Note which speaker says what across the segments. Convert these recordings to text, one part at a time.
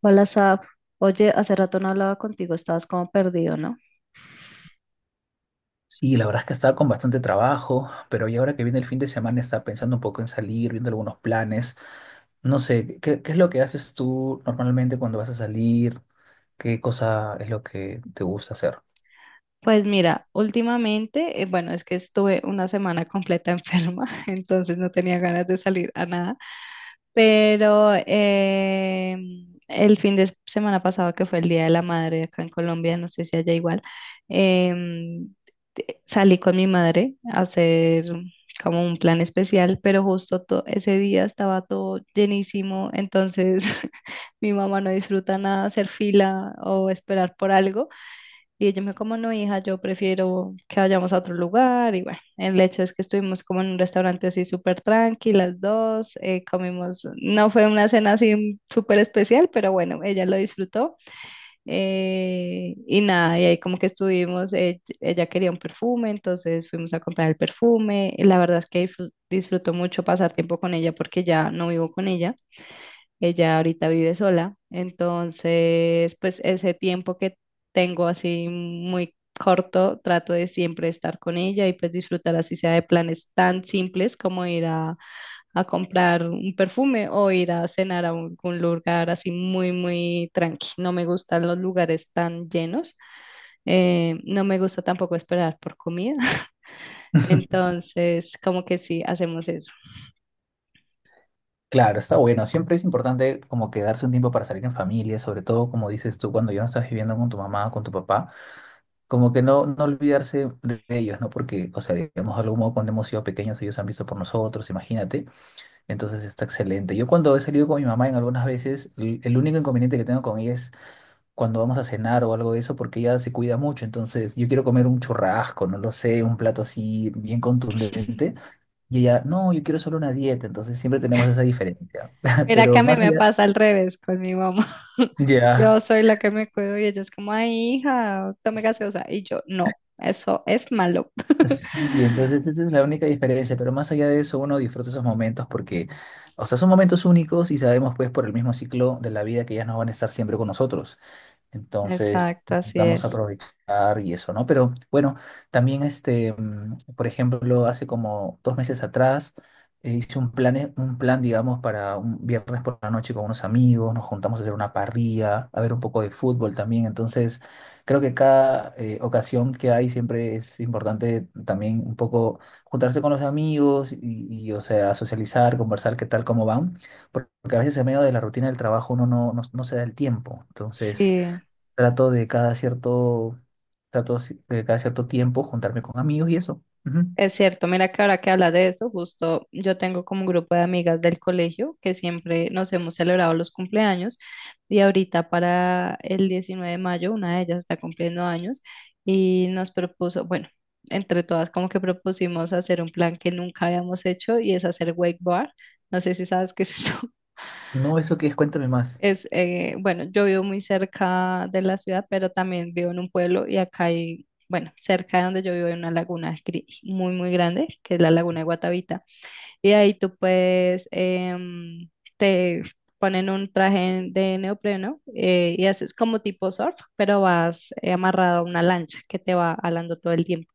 Speaker 1: Hola, Saf. Oye, hace rato no hablaba contigo, estabas como perdido, ¿no?
Speaker 2: Sí, la verdad es que estaba con bastante trabajo, pero ya ahora que viene el fin de semana estaba pensando un poco en salir, viendo algunos planes. No sé, ¿qué es lo que haces tú normalmente cuando vas a salir? ¿Qué cosa es lo que te gusta hacer?
Speaker 1: Pues mira, últimamente, bueno, es que estuve una semana completa enferma, entonces no tenía ganas de salir a nada. Pero eh, el fin de semana pasado, que fue el Día de la Madre acá en Colombia, no sé si allá igual, em, salí con mi madre a hacer como un plan especial, pero justo ese día estaba todo llenísimo, entonces mi mamá no disfruta nada hacer fila o esperar por algo. Y ella me dijo, como no, hija, yo prefiero que vayamos a otro lugar. Y bueno, el hecho es que estuvimos como en un restaurante así súper tranqui, las dos, comimos, no fue una cena así súper especial, pero bueno, ella lo disfrutó. Y nada, y ahí como que estuvimos, ella quería un perfume, entonces fuimos a comprar el perfume. Y la verdad es que disfruto mucho pasar tiempo con ella porque ya no vivo con ella. Ella ahorita vive sola, entonces pues ese tiempo que tengo así muy corto, trato de siempre estar con ella y pues disfrutar así sea de planes tan simples como ir a comprar un perfume o ir a cenar a algún lugar así muy, muy tranqui. No me gustan los lugares tan llenos, no me gusta tampoco esperar por comida. Entonces como que sí, hacemos eso.
Speaker 2: Claro, está bueno. Siempre es importante como que darse un tiempo para salir en familia, sobre todo como dices tú, cuando ya no estás viviendo con tu mamá o con tu papá, como que no olvidarse de ellos, ¿no? Porque, o sea, digamos, de algún modo cuando hemos sido pequeños ellos han visto por nosotros, imagínate. Entonces está excelente. Yo cuando he salido con mi mamá en algunas veces, el único inconveniente que tengo con ella es cuando vamos a cenar o algo de eso, porque ella se cuida mucho. Entonces yo quiero comer un churrasco, no lo sé, un plato así bien contundente. Y ella, no, yo quiero solo una dieta. Entonces siempre tenemos esa diferencia.
Speaker 1: Mira que
Speaker 2: Pero
Speaker 1: a mí
Speaker 2: más
Speaker 1: me
Speaker 2: allá,
Speaker 1: pasa al revés con mi mamá. Yo
Speaker 2: ya.
Speaker 1: soy la que me cuido y ella es como, ay, hija, tome gaseosa. Y yo, no, eso es malo.
Speaker 2: Sí, entonces esa es la única diferencia. Pero más allá de eso, uno disfruta esos momentos porque, o sea, son momentos únicos y sabemos pues por el mismo ciclo de la vida que ellas no van a estar siempre con nosotros. Entonces,
Speaker 1: Exacto, así
Speaker 2: vamos a
Speaker 1: es.
Speaker 2: aprovechar y eso, ¿no? Pero bueno, también este, por ejemplo, hace como dos meses atrás hice un plan, digamos, para un viernes por la noche con unos amigos, nos juntamos a hacer una parrilla, a ver un poco de fútbol también. Entonces, creo que cada ocasión que hay siempre es importante también un poco juntarse con los amigos y, o sea, socializar, conversar qué tal, cómo van, porque a veces en medio de la rutina del trabajo uno no, no se da el tiempo. Entonces...
Speaker 1: Sí.
Speaker 2: Trato de cada cierto, de cada cierto tiempo juntarme con amigos y eso. Ujú.
Speaker 1: Es cierto, mira que ahora que hablas de eso, justo yo tengo como un grupo de amigas del colegio que siempre nos hemos celebrado los cumpleaños y ahorita para el 19 de mayo una de ellas está cumpliendo años y nos propuso, bueno, entre todas como que propusimos hacer un plan que nunca habíamos hecho y es hacer wake bar. No sé si sabes qué es eso.
Speaker 2: No, eso que es, cuéntame más.
Speaker 1: Es, bueno, yo vivo muy cerca de la ciudad, pero también vivo en un pueblo y acá hay, bueno, cerca de donde yo vivo hay una laguna muy, muy grande, que es la laguna de Guatavita. Y ahí tú puedes, te ponen un traje de neopreno y haces como tipo surf, pero vas amarrado a una lancha que te va alando todo el tiempo.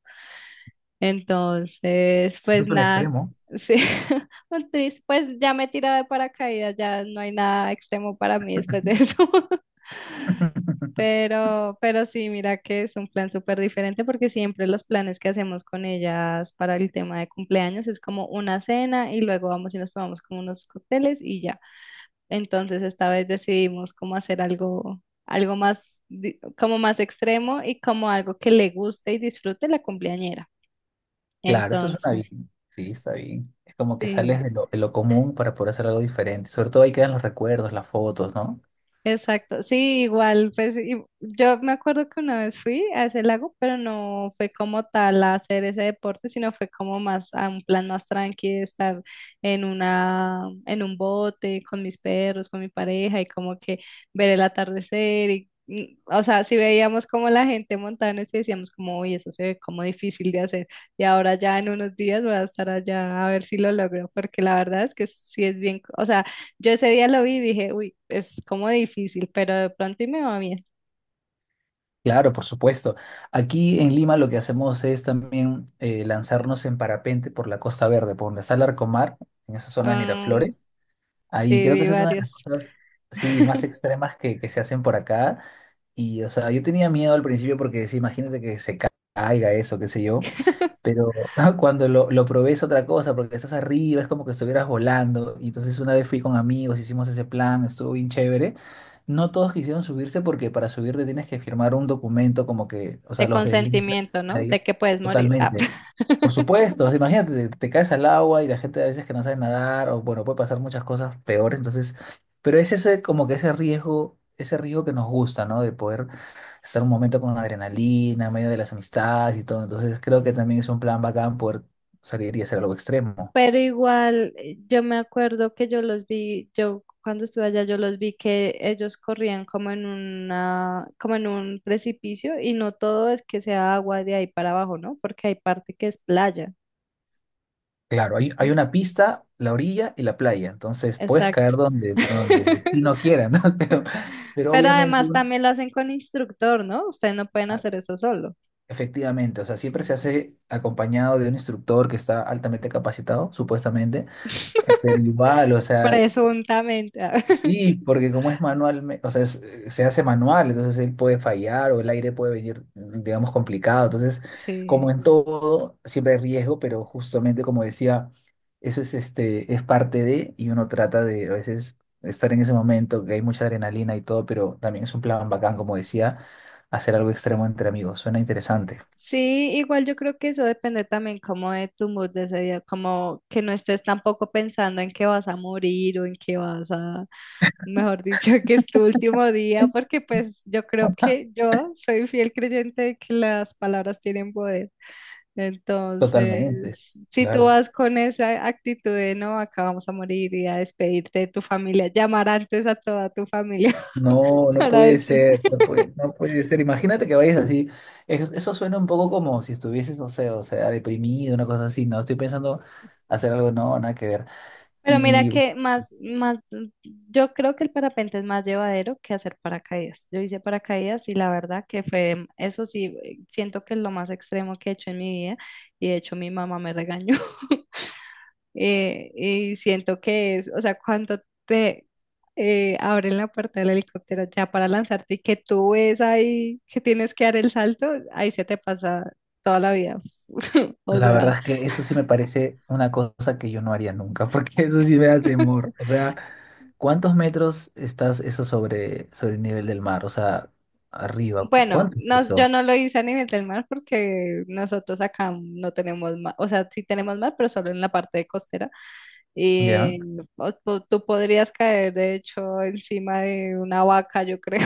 Speaker 1: Entonces,
Speaker 2: Eso
Speaker 1: pues
Speaker 2: es un
Speaker 1: nada,
Speaker 2: extremo.
Speaker 1: sí, un pues ya me he tirado de paracaídas, ya no hay nada extremo para mí después de eso. Pero sí, mira que es un plan súper diferente porque siempre los planes que hacemos con ellas para el tema de cumpleaños es como una cena y luego vamos y nos tomamos como unos cócteles y ya. Entonces esta vez decidimos como hacer algo, algo más, como más extremo y como algo que le guste y disfrute la cumpleañera.
Speaker 2: Claro, eso suena
Speaker 1: Entonces.
Speaker 2: bien. Sí, está bien. Es como que
Speaker 1: Sí,
Speaker 2: sales de lo común para poder hacer algo diferente. Sobre todo ahí quedan los recuerdos, las fotos, ¿no?
Speaker 1: exacto. Sí, igual, pues yo me acuerdo que una vez fui a ese lago, pero no fue como tal a hacer ese deporte, sino fue como más a un plan más tranqui de estar en en un bote con mis perros, con mi pareja y como que ver el atardecer o sea, si veíamos como la gente montada en eso y sí decíamos como, uy, eso se ve como difícil de hacer. Y ahora ya en unos días voy a estar allá a ver si lo logro, porque la verdad es que sí es bien, o sea, yo ese día lo vi y dije, uy, es como difícil, pero de pronto y me va bien.
Speaker 2: Claro, por supuesto. Aquí en Lima lo que hacemos es también lanzarnos en parapente por la Costa Verde, por donde está Larcomar, en esa zona de
Speaker 1: Am,
Speaker 2: Miraflores.
Speaker 1: sí,
Speaker 2: Ahí creo que
Speaker 1: vi
Speaker 2: esa es una de las
Speaker 1: varios.
Speaker 2: cosas, sí, más extremas que se hacen por acá. Y, o sea, yo tenía miedo al principio porque, sí, imagínate que caiga eso, qué sé yo. Pero cuando lo probé es otra cosa, porque estás arriba, es como que estuvieras volando. Y entonces una vez fui con amigos, hicimos ese plan, estuvo bien chévere. No todos quisieron subirse porque para subirte tienes que firmar un documento como que, o
Speaker 1: De
Speaker 2: sea, los deslindas
Speaker 1: consentimiento, ¿no?
Speaker 2: ahí
Speaker 1: De que puedes morir. Ah.
Speaker 2: totalmente. Por supuesto, imagínate, te caes al agua y la gente a veces que no sabe nadar, o bueno, puede pasar muchas cosas peores, entonces, pero es ese como que ese riesgo que nos gusta, ¿no? De poder estar un momento con adrenalina, en medio de las amistades y todo, entonces creo que también es un plan bacán poder salir y hacer algo extremo.
Speaker 1: Pero igual, yo me acuerdo que yo los vi, yo cuando estuve allá, yo los vi que ellos corrían como en una, como en un precipicio y no todo es que sea agua de ahí para abajo, ¿no? Porque hay parte que es playa,
Speaker 2: Claro, hay,
Speaker 1: ¿no?
Speaker 2: hay una pista, la orilla y la playa, entonces puedes caer
Speaker 1: Exacto.
Speaker 2: donde, donde el destino quiera, ¿no? Pero
Speaker 1: Pero
Speaker 2: obviamente...
Speaker 1: además
Speaker 2: un-
Speaker 1: también lo hacen con instructor, ¿no? Ustedes no pueden hacer eso solo.
Speaker 2: Efectivamente, o sea, siempre se
Speaker 1: Mm.
Speaker 2: hace acompañado de un instructor que está altamente capacitado, supuestamente, pero igual, o sea,
Speaker 1: Presuntamente. Ah.
Speaker 2: sí, porque como es manual, o sea, se hace manual, entonces él puede fallar o el aire puede venir, digamos, complicado, entonces, como
Speaker 1: Sí.
Speaker 2: en todo, siempre hay riesgo, pero justamente como decía, eso es, este, es parte de, y uno trata de a veces estar en ese momento, que hay mucha adrenalina y todo, pero también es un plan bacán, como decía, hacer algo extremo entre amigos, suena interesante.
Speaker 1: Sí, igual yo creo que eso depende también como de tu mood de ese día, como que no estés tampoco pensando en que vas a morir o en que vas a, mejor dicho, que es tu último día, porque pues yo creo que yo soy fiel creyente de que las palabras tienen poder.
Speaker 2: Totalmente,
Speaker 1: Entonces, si tú
Speaker 2: claro.
Speaker 1: vas con esa actitud de no, acá vamos a morir y a despedirte de tu familia, llamar antes a toda tu familia
Speaker 2: No, no
Speaker 1: para
Speaker 2: puede
Speaker 1: decirle.
Speaker 2: ser, no puede, no puede ser. Imagínate que vayas así. Eso suena un poco como si estuvieses, no sé, o sea, deprimido, una cosa así. No, estoy pensando hacer algo, no, nada que ver.
Speaker 1: Pero mira
Speaker 2: Y
Speaker 1: que más, más, Yo creo que el parapente es más llevadero que hacer paracaídas. Yo hice paracaídas y la verdad que fue, eso sí, siento que es lo más extremo que he hecho en mi vida y de hecho mi mamá me regañó. Y siento que es, o sea, cuando te abren la puerta del helicóptero ya para lanzarte y que tú ves ahí que tienes que dar el salto, ahí se te pasa toda la vida. O
Speaker 2: la
Speaker 1: sea,
Speaker 2: verdad es que eso sí me parece una cosa que yo no haría nunca, porque eso sí me da temor. O sea, ¿cuántos metros estás eso sobre, sobre el nivel del mar? O sea, arriba,
Speaker 1: bueno,
Speaker 2: ¿cuánto es
Speaker 1: no, yo
Speaker 2: eso?
Speaker 1: no lo hice a nivel del mar porque nosotros acá no tenemos mar, o sea, sí tenemos mar, pero solo en la parte de costera.
Speaker 2: ¿Ya?
Speaker 1: Y o tú podrías caer, de hecho, encima de una vaca, yo creo.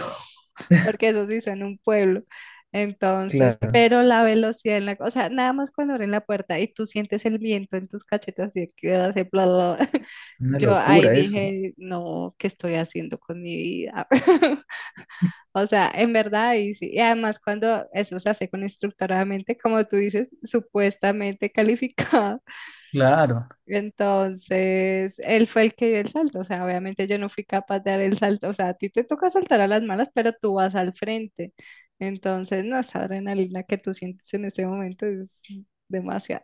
Speaker 1: Porque eso sí son un pueblo. Entonces,
Speaker 2: Claro,
Speaker 1: pero la velocidad en la, o sea, nada más cuando abren la puerta y tú sientes el viento en tus cachetes así que hace bla, bla, bla.
Speaker 2: una
Speaker 1: Yo ahí
Speaker 2: locura eso.
Speaker 1: dije, no, ¿qué estoy haciendo con mi vida? O sea, en verdad, y, sí. Y además cuando eso se hace con instructoramente, como tú dices, supuestamente calificado.
Speaker 2: Claro.
Speaker 1: Entonces, él fue el que dio el salto, o sea, obviamente yo no fui capaz de dar el salto, o sea, a ti te toca saltar a las malas, pero tú vas al frente. Entonces, no, esa adrenalina que tú sientes en ese momento es demasiado.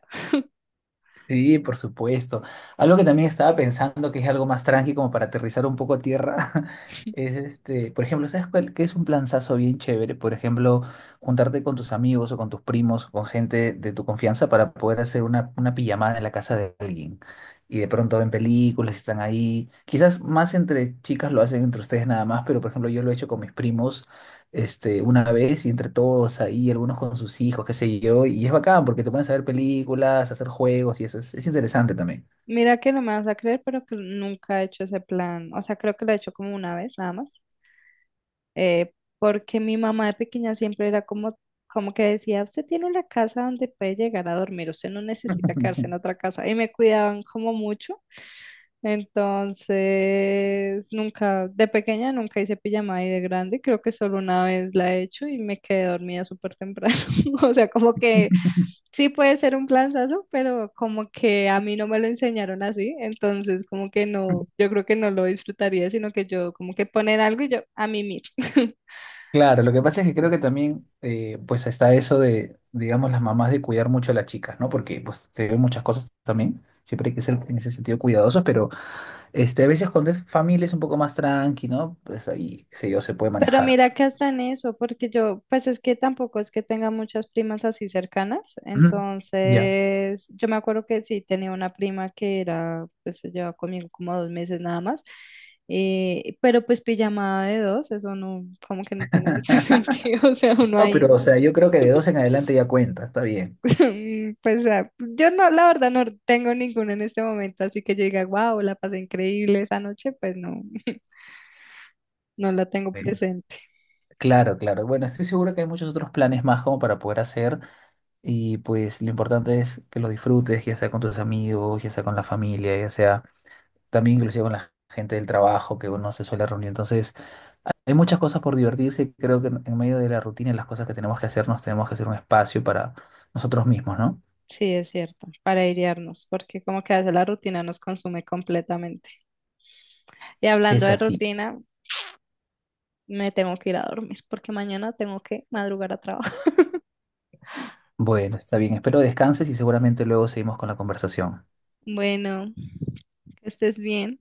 Speaker 2: Sí, por supuesto. Algo que también estaba pensando que es algo más tranqui como para aterrizar un poco a tierra es este, por ejemplo, ¿sabes cuál, qué es un planzazo bien chévere? Por ejemplo, juntarte con tus amigos o con tus primos o con gente de tu confianza para poder hacer una pijamada en la casa de alguien. Y de pronto ven películas, están ahí. Quizás más entre chicas lo hacen entre ustedes nada más, pero por ejemplo yo lo he hecho con mis primos este, una vez y entre todos ahí, algunos con sus hijos, qué sé yo, y es bacán porque te pones a ver películas, a hacer juegos y eso es interesante también.
Speaker 1: Mira que no me vas a creer, pero que nunca he hecho ese plan, o sea, creo que lo he hecho como una vez, nada más, eh, porque mi mamá de pequeña siempre era como, como que decía, usted tiene la casa donde puede llegar a dormir, usted no necesita quedarse en otra casa, y me cuidaban como mucho. Entonces, nunca, de pequeña nunca hice pijamada y de grande creo que solo una vez la he hecho y me quedé dormida súper temprano. O sea, como que sí puede ser un planazo, pero como que a mí no me lo enseñaron así, entonces como que no, yo creo que no lo disfrutaría, sino que yo como que poner algo y yo a mimir.
Speaker 2: Claro, lo que pasa es que creo que también pues está eso de, digamos, las mamás de cuidar mucho a las chicas, ¿no? Porque pues se ven muchas cosas también, siempre hay que ser en ese sentido cuidadosos, pero este, a veces cuando es familia es un poco más tranqui, ¿no? Pues ahí, qué sé yo, se puede
Speaker 1: Pero
Speaker 2: manejar.
Speaker 1: mira que hasta en eso, porque yo, pues es que tampoco es que tenga muchas primas así cercanas,
Speaker 2: Ujú, ya.
Speaker 1: entonces yo me acuerdo que sí tenía una prima que era, pues se llevaba conmigo como 2 meses nada más, pero pues pijamada de dos, eso no, como que no tiene mucho sentido, o sea, uno
Speaker 2: No,
Speaker 1: ahí,
Speaker 2: pero o sea, yo creo que de dos en adelante ya cuenta, está bien.
Speaker 1: pues ah, yo no, la verdad no tengo ninguno en este momento, así que yo diga, wow, la pasé increíble esa noche, pues no, no la tengo presente.
Speaker 2: Claro, claro. Bueno, estoy seguro que hay muchos otros planes más como para poder hacer y pues lo importante es que lo disfrutes, ya sea con tus amigos, ya sea con la familia, ya sea también inclusive con la gente del trabajo que uno se suele reunir. Entonces, hay muchas cosas por divertirse. Creo que en medio de la rutina y las cosas que tenemos que hacer, nos tenemos que hacer un espacio para nosotros mismos, ¿no?
Speaker 1: Sí, es cierto, para airearnos, porque como que a veces la rutina nos consume completamente. Y hablando
Speaker 2: Es
Speaker 1: de
Speaker 2: así.
Speaker 1: rutina, me tengo que ir a dormir, porque mañana tengo que madrugar a trabajar.
Speaker 2: Bueno, está bien. Espero descanses y seguramente luego seguimos con la conversación.
Speaker 1: Bueno, que estés bien.